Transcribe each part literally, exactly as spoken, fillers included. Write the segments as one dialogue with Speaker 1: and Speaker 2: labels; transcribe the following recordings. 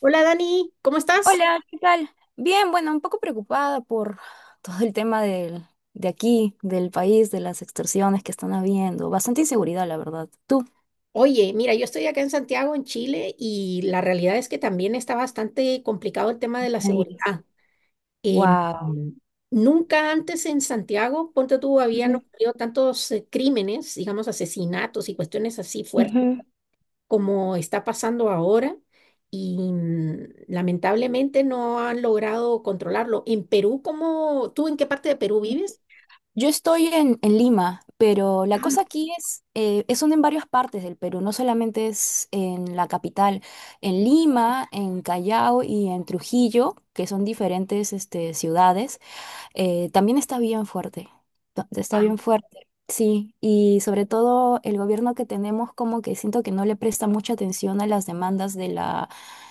Speaker 1: Hola Dani, ¿cómo estás?
Speaker 2: Hola, ¿qué tal? Bien, bueno, un poco preocupada por todo el tema del, de aquí, del país, de las extorsiones que están habiendo. Bastante inseguridad, la verdad. ¿Tú?
Speaker 1: Oye, mira, yo estoy acá en Santiago, en Chile, y la realidad es que también está bastante complicado el tema
Speaker 2: ¡Qué
Speaker 1: de la
Speaker 2: me digas!
Speaker 1: seguridad. Em,
Speaker 2: Wow.
Speaker 1: Nunca antes en Santiago, ponte tú, habían ocurrido tantos eh, crímenes, digamos, asesinatos y cuestiones así fuertes como está pasando ahora, y mm, lamentablemente no han logrado controlarlo. En Perú, ¿cómo, tú en qué parte de Perú vives?
Speaker 2: Yo estoy en, en Lima, pero la cosa aquí es, eh, es un- en varias partes del Perú, no solamente es en la capital, en Lima, en Callao y en Trujillo, que son diferentes este, ciudades. Eh, también está bien fuerte, ta- está
Speaker 1: Ah,
Speaker 2: bien fuerte, sí, y sobre todo el gobierno que tenemos, como que siento que no le presta mucha atención a las demandas de la,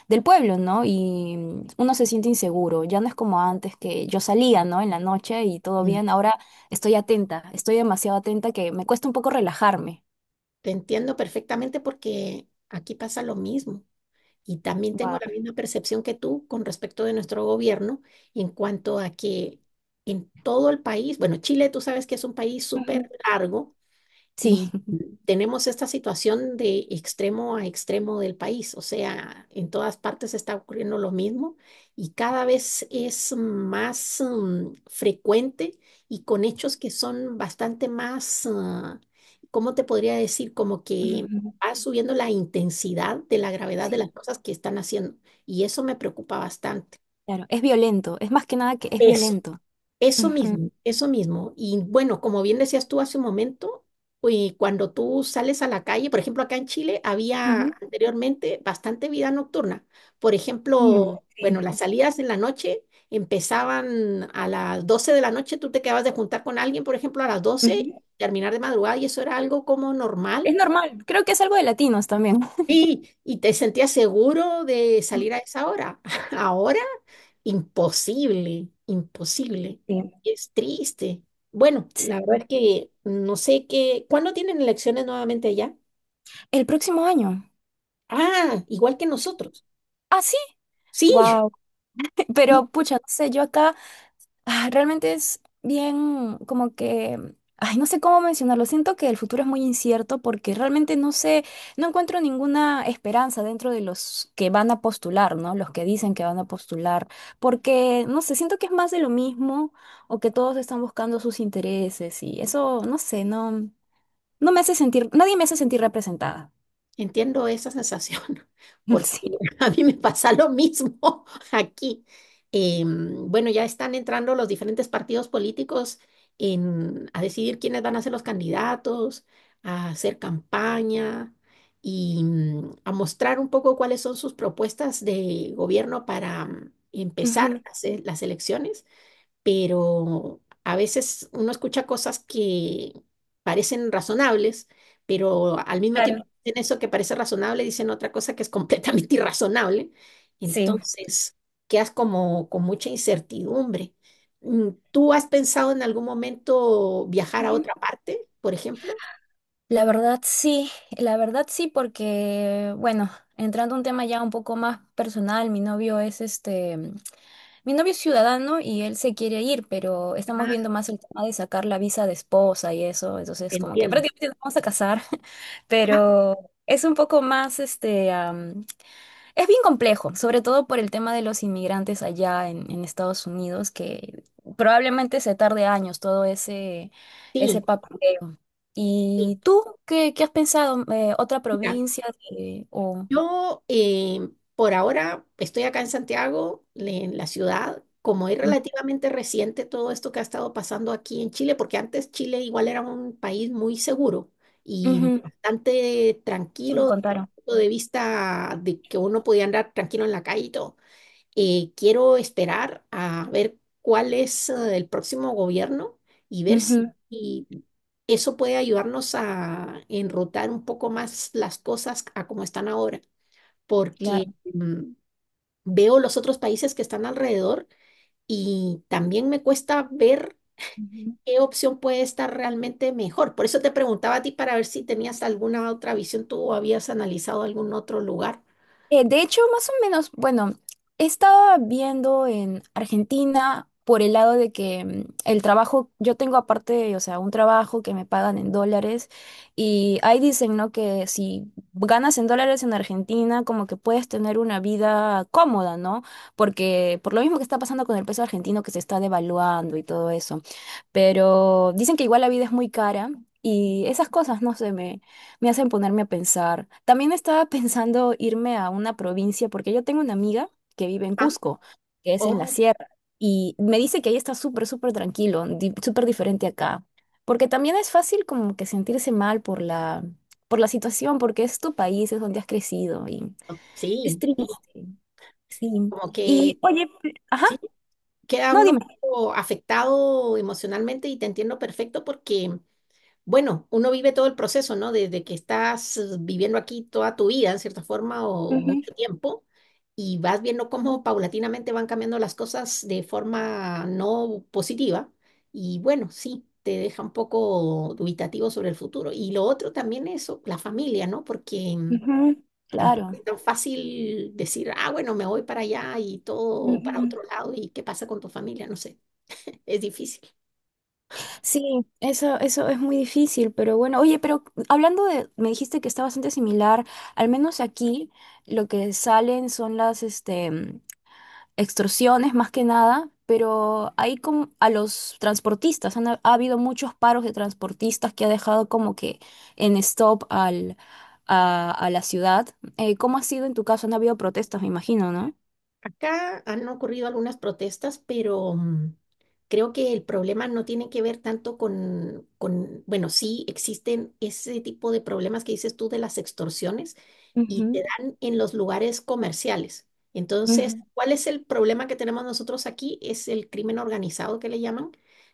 Speaker 2: del pueblo, ¿no? Y mm, uno se siente inseguro, ya no es como antes que yo salía, ¿no? En la noche y todo
Speaker 1: wow.
Speaker 2: bien, ahora estoy atenta, estoy demasiado atenta que me cuesta un poco relajarme.
Speaker 1: Te entiendo perfectamente porque aquí pasa lo mismo. Y también tengo
Speaker 2: Wow.
Speaker 1: la misma percepción que tú con respecto de nuestro gobierno en cuanto a que en todo el país, bueno, Chile tú sabes que es un país súper largo
Speaker 2: Sí.
Speaker 1: y tenemos esta situación de extremo a extremo del país, o sea, en todas partes está ocurriendo lo mismo y cada vez es más mm, frecuente y con hechos que son bastante más, ah, ¿cómo te podría decir? Como que
Speaker 2: Ujú.
Speaker 1: va subiendo la intensidad de la gravedad de las
Speaker 2: Sí.
Speaker 1: cosas que están haciendo y eso me preocupa bastante.
Speaker 2: Claro, es violento, es más que nada que es
Speaker 1: Eso.
Speaker 2: violento.
Speaker 1: Eso
Speaker 2: Ujú.
Speaker 1: mismo, eso mismo. Y bueno, como bien decías tú hace un momento, eh, cuando tú sales a la calle, por ejemplo, acá en Chile había
Speaker 2: Ujú.
Speaker 1: anteriormente bastante vida nocturna. Por
Speaker 2: Mm,
Speaker 1: ejemplo,
Speaker 2: sí.
Speaker 1: bueno, las salidas en la noche empezaban a las doce de la noche, tú te quedabas de juntar con alguien, por ejemplo, a las doce,
Speaker 2: Ujú.
Speaker 1: terminar de madrugada y eso era algo como normal.
Speaker 2: Es normal, creo que es algo de latinos también.
Speaker 1: Sí, y te sentías seguro de salir a esa hora. Ahora, imposible, imposible.
Speaker 2: Sí.
Speaker 1: Es triste. Bueno, la verdad es que no sé qué. ¿Cuándo tienen elecciones nuevamente allá?
Speaker 2: El próximo año.
Speaker 1: Ah, igual que nosotros.
Speaker 2: Ah, sí.
Speaker 1: Sí.
Speaker 2: Wow. Pero pucha, no sé, yo acá ah, realmente es bien como que, ay, no sé cómo mencionarlo. Siento que el futuro es muy incierto porque realmente no sé, no encuentro ninguna esperanza dentro de los que van a postular, ¿no? Los que dicen que van a postular, porque no sé, siento que es más de lo mismo o que todos están buscando sus intereses y eso, no sé, no, no me hace sentir, nadie me hace sentir representada.
Speaker 1: Entiendo esa sensación, porque
Speaker 2: Sí.
Speaker 1: a mí me pasa lo mismo aquí. Em, bueno, ya están entrando los diferentes partidos políticos en, a decidir quiénes van a ser los candidatos, a hacer campaña y mm, a mostrar un poco cuáles son sus propuestas de gobierno para mm, empezar
Speaker 2: Ujú.
Speaker 1: las, e- las elecciones, pero a veces uno escucha cosas que parecen razonables, pero al mismo
Speaker 2: Claro,
Speaker 1: tiempo en eso que parece razonable dicen otra cosa que es completamente irrazonable.
Speaker 2: sí.
Speaker 1: Entonces, quedas como con mucha incertidumbre. Mm, ¿Tú has pensado en algún momento viajar a
Speaker 2: Ujú.
Speaker 1: otra parte, por ejemplo?
Speaker 2: La verdad sí, la verdad sí, porque, bueno, entrando a un tema ya un poco más personal, mi novio es este, mi novio es ciudadano y él se quiere ir, pero estamos viendo
Speaker 1: Ah,
Speaker 2: más el tema de sacar la visa de esposa y eso,
Speaker 1: te
Speaker 2: entonces como que
Speaker 1: entiendo.
Speaker 2: prácticamente nos vamos a casar,
Speaker 1: Ah,
Speaker 2: pero es un poco más este, am, es bien complejo, sobre todo por el tema de los inmigrantes allá en, en Estados Unidos, que probablemente se tarde años todo ese,
Speaker 1: sí,
Speaker 2: ese papeleo.
Speaker 1: sí.
Speaker 2: ¿Y tú qué, qué has pensado? Eh, ¿otra
Speaker 1: Mira,
Speaker 2: provincia? de- o...
Speaker 1: yo eh, por ahora estoy acá en Santiago, le- en la ciudad, como es
Speaker 2: Ujú.
Speaker 1: relativamente reciente todo esto que ha estado pasando aquí en Chile, porque antes Chile igual era un país muy seguro y bastante
Speaker 2: Sí, me
Speaker 1: tranquilo desde el
Speaker 2: contaron.
Speaker 1: punto de vista de que uno podía andar tranquilo en la calle y todo. Eh, quiero esperar a ver cuál es eh, el próximo gobierno y ver
Speaker 2: Ujú,
Speaker 1: si eso puede ayudarnos a enrutar un poco más las cosas a como están ahora porque
Speaker 2: claro.
Speaker 1: mm, veo los otros países que están alrededor y también me cuesta ver qué opción puede estar realmente mejor. Por eso te preguntaba a ti para ver si tenías alguna otra visión, tú habías analizado algún otro lugar.
Speaker 2: Eh, de hecho, más o menos, bueno, estaba viendo en Argentina por el lado de que mm, el trabajo, yo tengo aparte, o sea, un trabajo que me pagan en dólares, y ahí dicen, ¿no? Que si ganas en dólares en Argentina, como que puedes tener una vida cómoda, ¿no? Porque por lo mismo que está pasando con el peso argentino que se está devaluando y todo eso. Pero dicen que igual la vida es muy cara y esas cosas, no sé, me hacen ponerme a pensar. También estaba pensando irme a una provincia porque yo tengo una amiga que vive en
Speaker 1: Ah,
Speaker 2: Cusco, que es en la
Speaker 1: oh,
Speaker 2: sierra, y me dice que ahí está súper, súper tranquilo, di- súper diferente acá. Porque también es fácil como que sentirse mal por la, por la situación, porque es tu país, es donde has crecido y es
Speaker 1: sí, sí,
Speaker 2: triste. Sí.
Speaker 1: como que
Speaker 2: Y, oye, pe- ajá,
Speaker 1: sí, queda
Speaker 2: no,
Speaker 1: uno un
Speaker 2: dime.
Speaker 1: poco afectado emocionalmente y te entiendo perfecto porque bueno, uno vive todo el proceso, ¿no? Desde que estás eh, viviendo aquí toda tu vida, en cierta forma, o
Speaker 2: Ujú.
Speaker 1: mucho tiempo, y vas viendo cómo paulatinamente van cambiando las cosas de forma no positiva. Y bueno, sí, te deja un poco dubitativo sobre el futuro. Y lo otro también es o- la familia, ¿no? Porque mm,
Speaker 2: Ujú.
Speaker 1: tampoco
Speaker 2: Claro.
Speaker 1: es tan fácil decir, ah, bueno, me voy para allá y todo para
Speaker 2: Ujú.
Speaker 1: otro lado, y qué pasa con tu familia, no sé, es difícil.
Speaker 2: Sí, eso, eso es muy difícil, pero bueno, oye, pero hablando de, me dijiste que está bastante similar, al menos aquí lo que salen son las este, mm, extorsiones más que nada, pero ahí como a los transportistas, han, ha habido muchos paros de transportistas que ha dejado como que en stop al, a, a la ciudad. Eh, ¿cómo ha sido en tu caso? Han habido protestas, me imagino, ¿no?
Speaker 1: Acá han ocurrido algunas protestas, pero mm, creo que el problema no tiene que ver tanto con, con, bueno, sí existen ese tipo de problemas que dices tú de las extorsiones y
Speaker 2: Ujú.
Speaker 1: se dan en los lugares comerciales. Entonces,
Speaker 2: Ujú.
Speaker 1: ¿cuál es el problema que tenemos nosotros aquí? Es el crimen organizado que le llaman,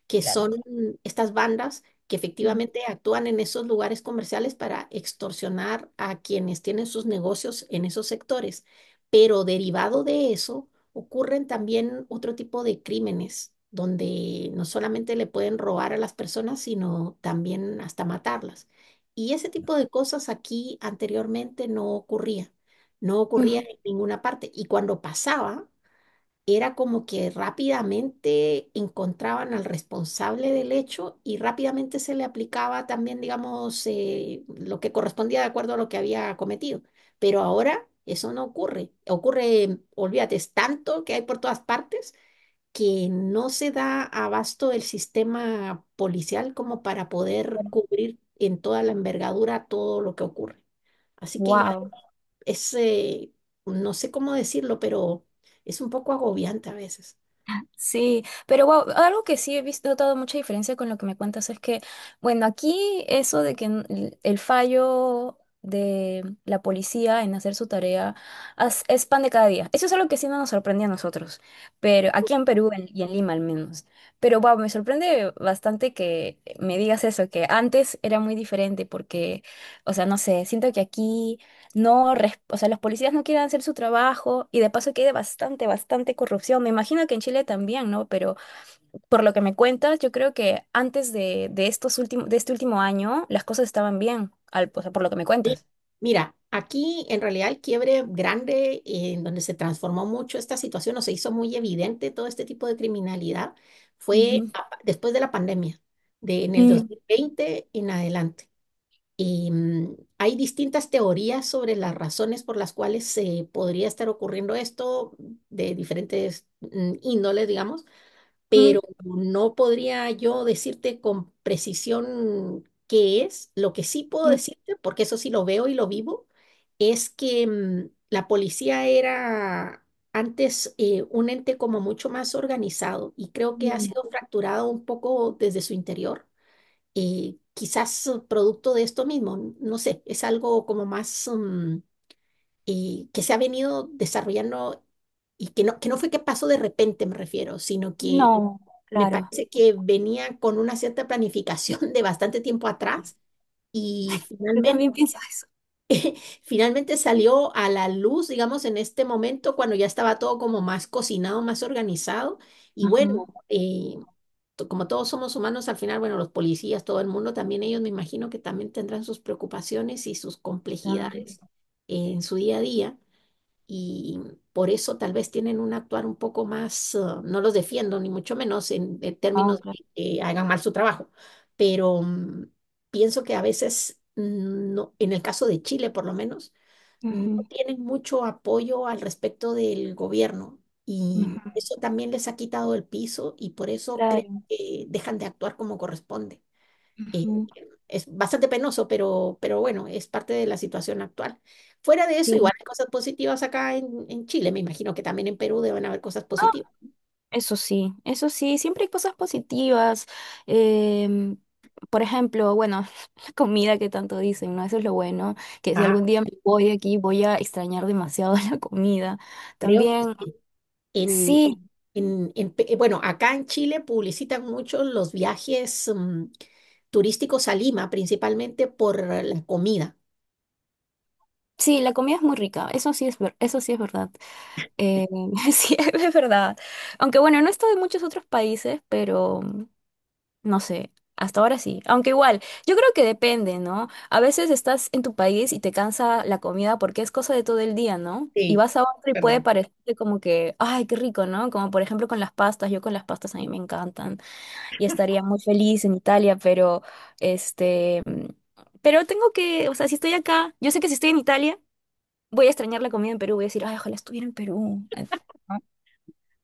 Speaker 1: que
Speaker 2: Claro.
Speaker 1: son estas bandas que efectivamente actúan en esos lugares comerciales para extorsionar a quienes tienen sus negocios en esos sectores. Pero derivado de eso, ocurren también otro tipo de crímenes, donde no solamente le pueden robar a las personas, sino también hasta matarlas. Y ese tipo de cosas aquí anteriormente no ocurría, no ocurría en ninguna parte. Y cuando pasaba, era como que rápidamente encontraban al responsable del hecho y rápidamente se le aplicaba también, digamos, eh, lo que correspondía de acuerdo a lo que había cometido. Pero ahora eso no ocurre. Ocurre, olvídate, es tanto que hay por todas partes que no se da abasto el sistema policial como para poder cubrir en toda la envergadura todo lo que ocurre. Así que igual
Speaker 2: Wow.
Speaker 1: es, eh, no sé cómo decirlo, pero es un poco agobiante a veces.
Speaker 2: Sí, pero wow, algo que sí he visto, notado mucha diferencia con lo que me cuentas es que, bueno, aquí eso de que n- el el fallo de la policía en hacer su tarea as- es pan de cada día. Eso es algo que sí no nos sorprende a nosotros, pero aquí en Perú en- y en Lima al menos. Pero wow, me sorprende bastante que me digas eso, que antes era muy diferente porque, o sea, no sé, siento que aquí no, res- o sea, los policías no quieren hacer su trabajo y de paso que hay de bastante, bastante corrupción. Me imagino que en Chile también, ¿no? Pero por lo que me cuentas, yo creo que antes de, de estos últimos, de este último año, las cosas estaban bien, al, o sea, por lo que me
Speaker 1: Sí,
Speaker 2: cuentas.
Speaker 1: mira, aquí en realidad el quiebre grande eh, en donde se transformó mucho esta situación o se hizo muy evidente todo este tipo de criminalidad fue
Speaker 2: Ujú.
Speaker 1: a- después de la pandemia, de, en el dos
Speaker 2: Mm.
Speaker 1: mil veinte en adelante. Y mm, hay distintas teorías sobre las razones por las cuales se podría estar ocurriendo esto de diferentes mm, índoles, digamos,
Speaker 2: Mm.
Speaker 1: pero no podría yo decirte con precisión qué es. Lo que sí puedo
Speaker 2: Mm.
Speaker 1: decirte, porque eso sí lo veo y lo vivo, es que mm, la policía era antes eh, un ente como mucho más organizado y creo que ha
Speaker 2: Mm.
Speaker 1: sido fracturado un poco desde su interior. Eh, quizás eh, producto de esto mismo, n- no sé, es algo como más mm, eh, que se ha venido desarrollando y que no, que no fue que pasó de repente, me refiero, sino que
Speaker 2: No,
Speaker 1: me
Speaker 2: claro.
Speaker 1: parece que venía con una cierta planificación de bastante tiempo atrás y
Speaker 2: Yo
Speaker 1: finalmente,
Speaker 2: también pienso eso.
Speaker 1: finalmente salió a la luz, digamos, en este momento cuando ya estaba todo como más cocinado, más organizado. Y bueno,
Speaker 2: Ajá,
Speaker 1: eh, to- como todos somos humanos, al final, bueno, los policías, todo el mundo, también ellos me imagino que también tendrán sus preocupaciones y sus
Speaker 2: claro.
Speaker 1: complejidades en su día a día y por eso tal vez tienen un actuar un poco más, ah, no los defiendo ni mucho menos en, en
Speaker 2: Oh,
Speaker 1: términos
Speaker 2: claro.
Speaker 1: de que hagan mal su trabajo, pero mm, pienso que a veces, mm, no, en el caso de Chile por lo menos, no
Speaker 2: Ujú,
Speaker 1: tienen mucho apoyo al respecto del gobierno y
Speaker 2: ujú.
Speaker 1: eso también les ha quitado el piso y por eso creo
Speaker 2: Claro.
Speaker 1: que dejan de actuar como corresponde. Eh,
Speaker 2: Ujú.
Speaker 1: es bastante penoso, pero, pero bueno, es parte de la situación actual. Fuera de eso,
Speaker 2: Sí.
Speaker 1: igual hay cosas positivas acá en, en Chile. Me imagino que también en Perú deben haber cosas positivas.
Speaker 2: Eso sí, eso sí, siempre hay cosas positivas. Em, por ejemplo, bueno, la comida que tanto dicen, ¿no? Eso es lo bueno, que si
Speaker 1: Ah,
Speaker 2: algún día me voy de aquí voy a extrañar demasiado la comida.
Speaker 1: creo que
Speaker 2: También,
Speaker 1: sí. En,
Speaker 2: sí,
Speaker 1: en- en en Pe- eh, bueno, acá en Chile publicitan mucho los viajes mm, turísticos a Lima, principalmente por la comida.
Speaker 2: sí, la comida es muy rica, eso sí es, ver- eso sí es verdad. Em, Sí, es verdad. Aunque bueno, no he estado en muchos otros países, pero no sé, hasta ahora sí. Aunque igual, yo creo que depende, ¿no? A veces estás en tu país y te cansa la comida porque es cosa de todo el día, ¿no? Y
Speaker 1: Sí,
Speaker 2: vas a otro y puede
Speaker 1: verdad.
Speaker 2: parecerte como que, ay, qué rico, ¿no? Como por ejemplo con las pastas, yo con las pastas a mí me encantan y estaría muy feliz en Italia, pero este, mm, pero tengo que, o sea, si estoy acá, yo sé que si estoy en Italia, voy a extrañar la comida en Perú, voy a decir, ay, ojalá estuviera en Perú.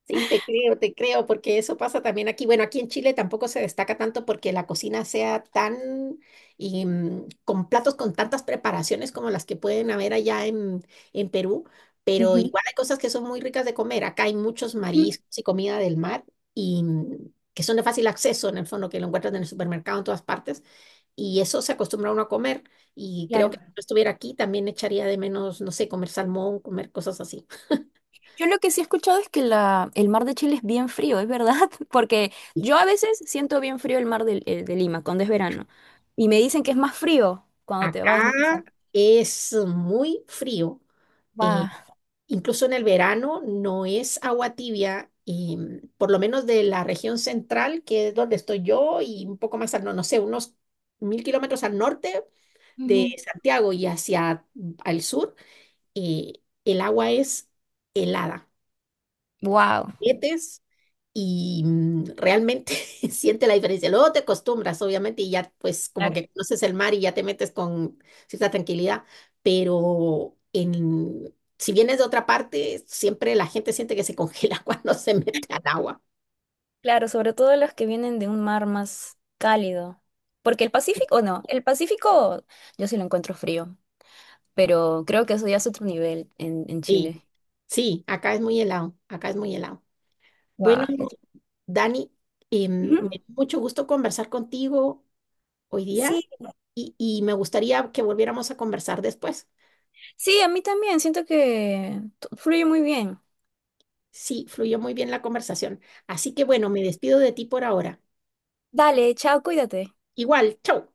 Speaker 1: Sí, te creo, te creo, porque eso pasa también aquí. Bueno, aquí en Chile tampoco se destaca tanto porque la cocina sea tan y, mm, con platos con tantas preparaciones como las que pueden haber allá en, en Perú, pero
Speaker 2: Ujú,
Speaker 1: igual hay cosas que son muy ricas de comer. Acá hay muchos
Speaker 2: ujú.
Speaker 1: mariscos y comida del mar y mm, que son de fácil acceso, en el fondo, que lo encuentras en el supermercado en todas partes. Y eso se acostumbra uno a comer. Y creo
Speaker 2: Claro.
Speaker 1: que si no estuviera aquí también echaría de menos, no sé, comer salmón, comer cosas así.
Speaker 2: Yo lo que sí he escuchado es que la, el mar de Chile es bien frío, ¿es verdad? Porque yo a veces siento bien frío el mar del- eh, de, Lima cuando es verano. Y me dicen que es más frío cuando te vas más
Speaker 1: Acá es muy frío, eh,
Speaker 2: a...
Speaker 1: incluso en el verano no es agua tibia, y, mm, por lo menos de la región central, que es donde estoy yo, y un poco más al, no, no sé, unos mil kilómetros al norte de Santiago y hacia mm, al sur, eh, el agua es helada.
Speaker 2: Wow.
Speaker 1: Metes y mm, realmente siente la diferencia. Luego te acostumbras, obviamente, y ya pues como
Speaker 2: Claro,
Speaker 1: que conoces el mar y ya te metes con cierta tranquilidad, pero en, si vienes de otra parte, siempre la gente siente que se congela cuando se mete al agua.
Speaker 2: claro, sobre todo los que vienen de un mar más cálido. Porque el Pacífico, no, el Pacífico yo sí lo encuentro frío, pero creo que eso ya es otro nivel en, en
Speaker 1: Sí,
Speaker 2: Chile.
Speaker 1: sí, acá es muy helado, acá es muy helado. Bueno,
Speaker 2: Wow.
Speaker 1: Dani, eh, me dio mucho gusto conversar contigo hoy
Speaker 2: Sí,
Speaker 1: día y, y me gustaría que volviéramos a conversar después.
Speaker 2: sí, a mí también, siento que t- fluye muy bien.
Speaker 1: Sí, fluyó muy bien la conversación. Así que bueno, me despido de ti por ahora.
Speaker 2: Dale, chao, cuídate.
Speaker 1: Igual, chau.